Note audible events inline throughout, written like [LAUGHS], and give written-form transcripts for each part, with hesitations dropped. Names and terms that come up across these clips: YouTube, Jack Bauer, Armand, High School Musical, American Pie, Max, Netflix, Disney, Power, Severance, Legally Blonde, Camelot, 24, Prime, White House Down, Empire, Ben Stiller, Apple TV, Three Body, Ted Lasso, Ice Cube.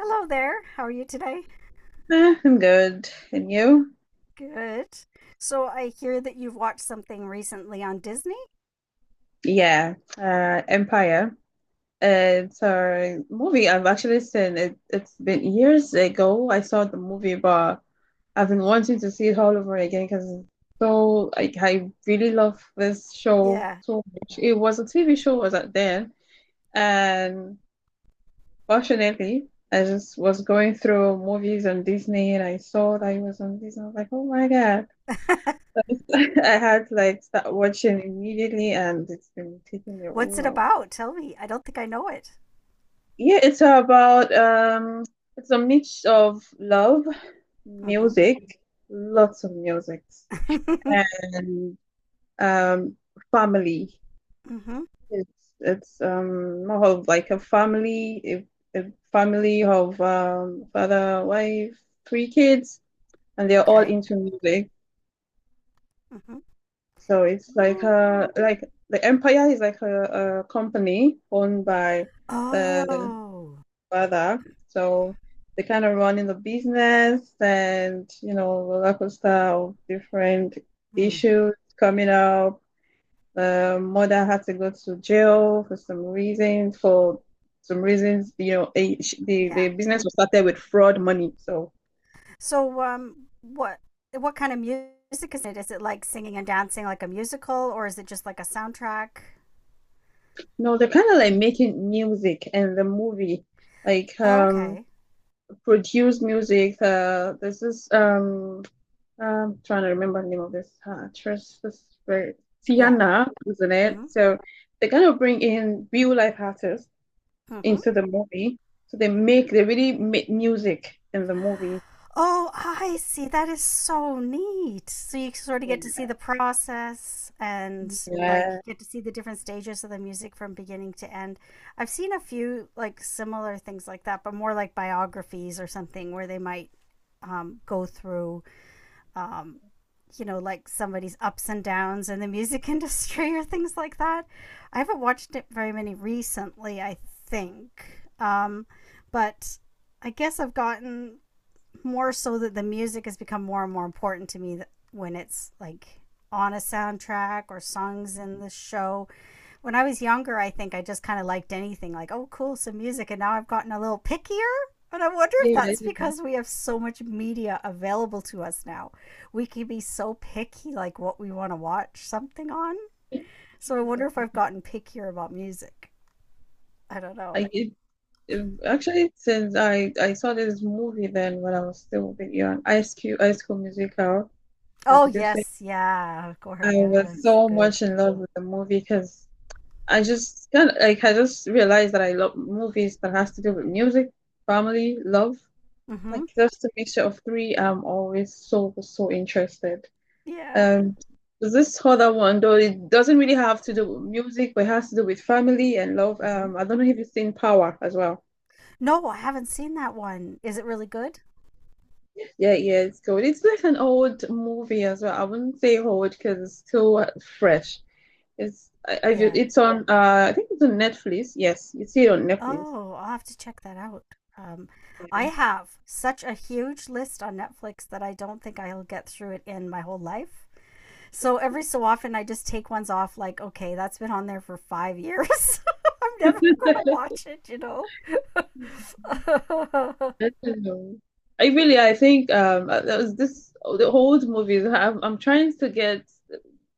Hello there. How are you today? I'm good. And you? Good. So I hear that you've watched something recently on Disney? Yeah, Empire. Uh, It's a movie I've actually seen. It's been years ago I saw the movie, but I've been wanting to see it all over again because I really love this show Yeah. so much. It was a TV show was out there, and fortunately, I just was going through movies on Disney and I saw that it was on Disney. I was like, oh my God. [LAUGHS] I had to like start watching immediately and it's been taking me What's all it out. about? Tell me. I don't think I know it. Yeah, it's about it's a mix of love, Mm-hmm. music, lots of music [LAUGHS] and um family. Mm-hmm. It's it's more of like a family a family of father, wife, three kids and they're all Okay. into music. Mm-hmm. So it's like a Oh. like the empire is like a company owned by the Oh. father. So they kind of run in the business and you know roller coaster of different Hmm. issues coming up. The mother had to go to jail for some reasons. For some reasons, you know, the Yeah. business was started with fraud money. So So what kind of music is it? Is it like singing and dancing like a musical or is it just like a soundtrack? no, they're kind of like making music and the movie like Oh, okay. Produce music. This is I'm trying to remember the name of this actress. This very Yeah. Tiana, isn't it? Mm-hmm. So they kind of bring in real life artists Mm-hmm. into the movie. So they really make music in the movie. Oh, I see. That is so neat. So you sort of get to Yeah, see the process and like yeah, get to see the different stages of the music from beginning to end. I've seen a few like similar things like that, but more like biographies or something where they might go through, um, like somebody's ups and downs in the music [LAUGHS] industry or things like that. I haven't watched it very many recently, I think. But I guess I've gotten more so that the music has become more and more important to me that when it's like on a soundtrack or songs in the show. When I was younger, I think I just kind of liked anything like, oh, cool, some music. And now I've gotten a little pickier. And I wonder if yeah. that's because we have so much media available to us now. We can be so picky, like what we want to watch something on. Yeah. So I wonder if I've gotten pickier about music. I don't know. I it, Actually since I saw this movie then when I was still a bit young, Ice Cube, Ice School Musical. Like Oh, you just say, yes. Yeah. Of course. I Yeah. was It's so good. much in love with the movie because I just I just realized that I love movies that has to do with music, family, love. Mm hmm. Like just a mixture of three. I'm always so interested. Yeah. Um, this other one though it doesn't really have to do with music, but it has to do with family and love. Mm hmm. I don't know if you've seen Power as well. No, I haven't seen that one. Is it really good? Yeah, yeah, it's good. It's like an old movie as well. I wouldn't say old because it's still fresh. Yeah. It's on I think it's on Netflix. Yes, you see it on Netflix. Oh, I'll have to check that out. Um, I Yeah. have such a huge list on Netflix that I don't think I'll get through it in my whole life. So every so often, I just take ones off, like, okay, that's been on there for 5 years. [LAUGHS] I'm never going to watch it, you know? [LAUGHS] I don't know. I really, I think that was this the old movies. I'm trying to get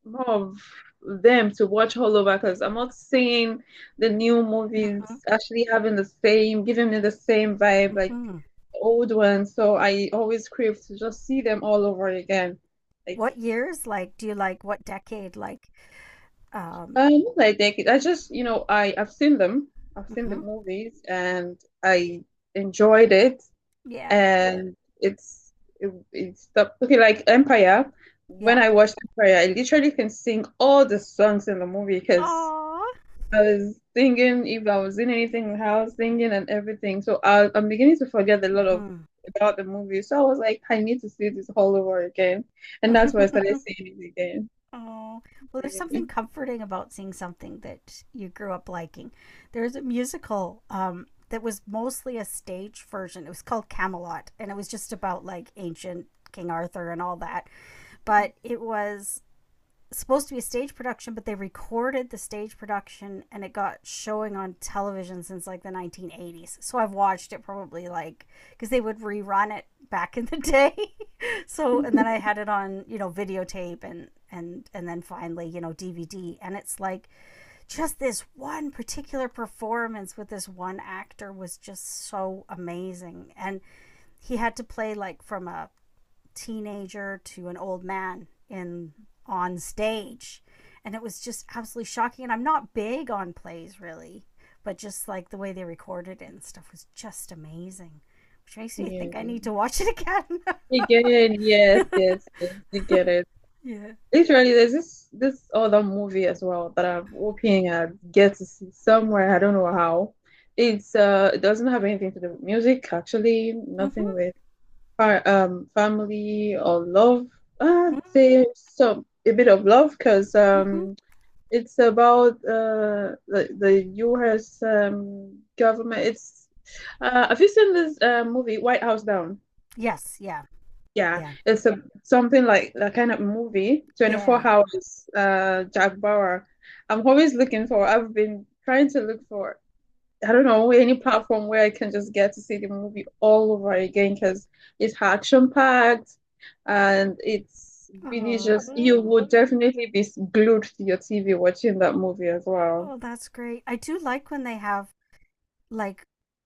more of them to watch all over because I'm not seeing the new movies Mhm, actually having the same, giving me the same vibe like mhm. old ones. So I always crave to just see them all over again. Like What years? Like, do you like what decade? Like, um, I take it. I just you know I've seen them. I've seen the mhm. movies and I enjoyed it. Yeah, And it's it, it's the okay like Empire. When yeah. I watched Empire, I literally can sing all the songs in the movie because Aww. I was singing if I was in anything in the house, singing and everything. So I, I'm beginning to forget a lot of Hmm. about the movie. So I was like, I need to see this all over again, [LAUGHS] and that's why I started Oh, seeing it again. well, there's Yeah. something comforting about seeing something that you grew up liking. There's a musical that was mostly a stage version. It was called Camelot, and it was just about like ancient King Arthur and all that. But it was supposed to be a stage production, but they recorded the stage production and it got showing on television since like the 1980s. So I've watched it probably like because they would rerun it back in the day. [LAUGHS] So and then I [LAUGHS] had it on videotape and then finally DVD, and it's like just this one particular performance with this one actor was just so amazing, and he had to play like from a teenager to an old man in on stage, and it was just absolutely shocking. And I'm not big on plays really, but just like the way they recorded it and stuff was just amazing, which makes me Yeah. think I need to watch it again. You get it. Yes, yes, yes, you get it. [LAUGHS] Yeah. Literally, there's this other movie as well that I'm hoping I get to see somewhere. I don't know how. It's it doesn't have anything to do with music, actually. Nothing Mm-hmm. with fa family or love. Mm-hmm. There's some a bit of love because Mm-hmm. It's about the U.S. Government. It's have you seen this movie White House Down? Yes. Yeah, Yeah, yeah, it's a, something like that kind of movie, yeah. 24 Hours, Jack Bauer. I'm always looking for, I've been trying to look for, I don't know, any platform where I can just get to see the movie all over again because it's action-packed and it's really Oh. just, you would definitely be glued to your TV watching that movie as well. Oh, that's great. I do like when they have, like,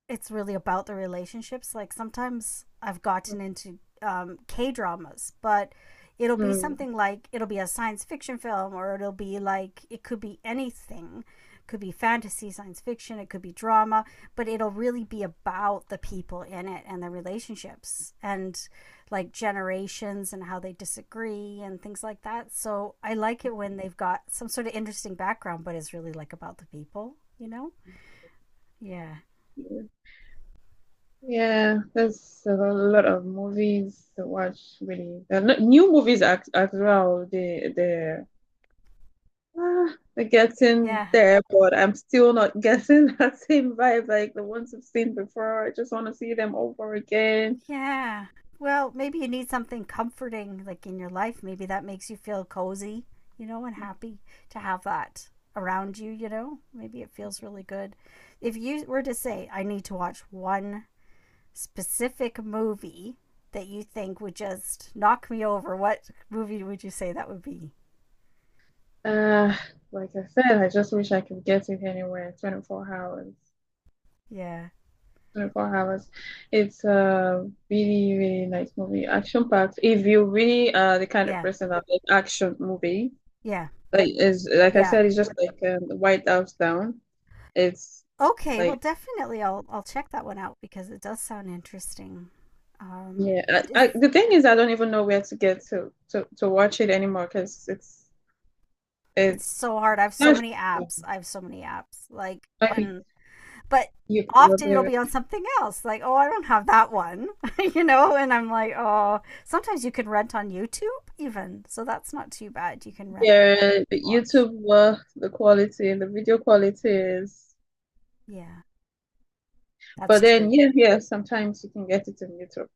it's really about the relationships. Like sometimes I've gotten into K dramas, but it'll be Mm. something like it'll be a science fiction film, or it'll be like it could be anything. It could be fantasy, science fiction, it could be drama, but it'll really be about the people in it and the relationships and like generations and how they disagree and things like that. So I like it when they've got some sort of interesting background, but it's really like about the people, you know? Yeah. Yeah, there's a lot of movies to watch, really. They're not- New movies as well. They're getting Yeah. there, but I'm still not getting [LAUGHS] that same vibe like the ones I've seen before. I just want to see them over again. Yeah. Well, maybe you need something comforting like in your life. Maybe that makes you feel cozy, and happy to have that around you, you know? Maybe it feels really good. If you were to say, I need to watch one specific movie that you think would just knock me over, what movie would you say that would be? Uh, like I said, I just wish I could get it anywhere. 24 hours. Yeah. 24 hours. It's a really, really nice movie. Action packed. If you're really the kind of Yeah. person that likes action movie. Yeah. Like is like I Yeah. said, it's just like the White House down. It's Okay, well like definitely I'll check that one out because it does sound interesting. Um yeah. Is The thing is, I don't even know where to get to watch it anymore because It's it's so hard. I have so many apps. sure. I have so many apps. Like I think and but you often probably it'll right. be on something else. Like, oh, I don't have that one. [LAUGHS] And I'm like, oh, sometimes you can rent on YouTube even. So that's not too bad. You can rent, Yeah. The watch. YouTube work, the quality, the video quality is. Yeah. That's But true. then yeah, yeah. Sometimes you can get it on YouTube.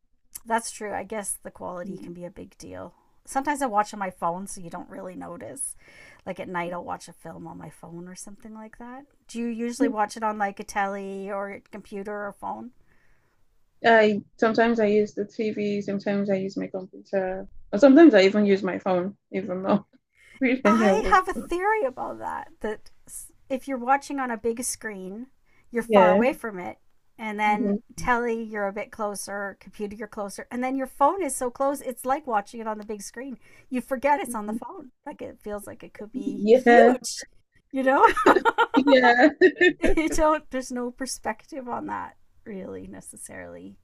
That's true. I guess the quality can Mm. be a big deal. Sometimes I watch on my phone so you don't really notice. Like at night I'll watch a film on my phone or something like that. Do you usually watch it on like a telly or a computer or phone? I sometimes I use the TV, sometimes I use my computer, or Yeah. sometimes I even use my phone, even more. [LAUGHS] Freaking I hell. have a theory about that. That if you're watching on a big screen, you're far Yeah. away from it, and then Mhm. telly, you're a bit closer, computer, you're closer, and then your phone is so close, it's like watching it on the big screen. You forget it's on the Mhm. phone. Like it feels like it could be Yeah. huge, you know? Yeah. [LAUGHS] You don't, there's no perspective on that really necessarily.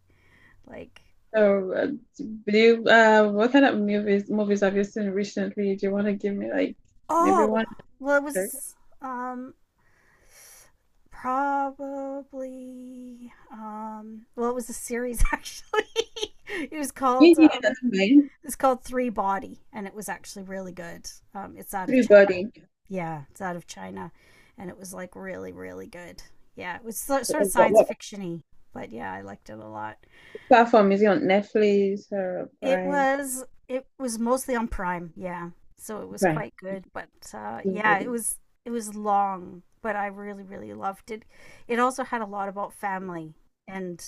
Like, So, do you, what kind of movies have you seen recently? Do you want to give me like maybe oh, one well, it actor? was um probably. Well, it was a series actually. [LAUGHS] it was Yeah, called yeah, um, that's fine. it's called Three Body, and it was actually really good. It's out of China. Everybody. Yeah, it's out of China, and it was like really, really good. Yeah, it was so- sort of science What fictiony, but yeah, I liked it a lot. platform is it on? Netflix or It Prime? was it was mostly on Prime, yeah. So it was Prime. quite good, but yeah, it Everybody. was it was long, but I really really loved it. It also had a lot about family and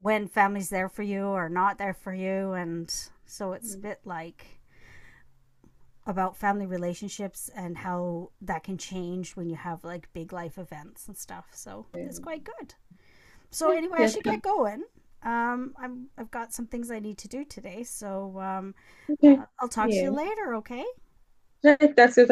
when family's there for you or not there for you, and so it's a bit like about family relationships and how that can change when you have like big life events and stuff. So Okay. it's quite good. So anyway, I should Yeah. get going. I've got some things I need to do today, so Okay. I'll talk to you Yeah. later. Okay. Right, that's it.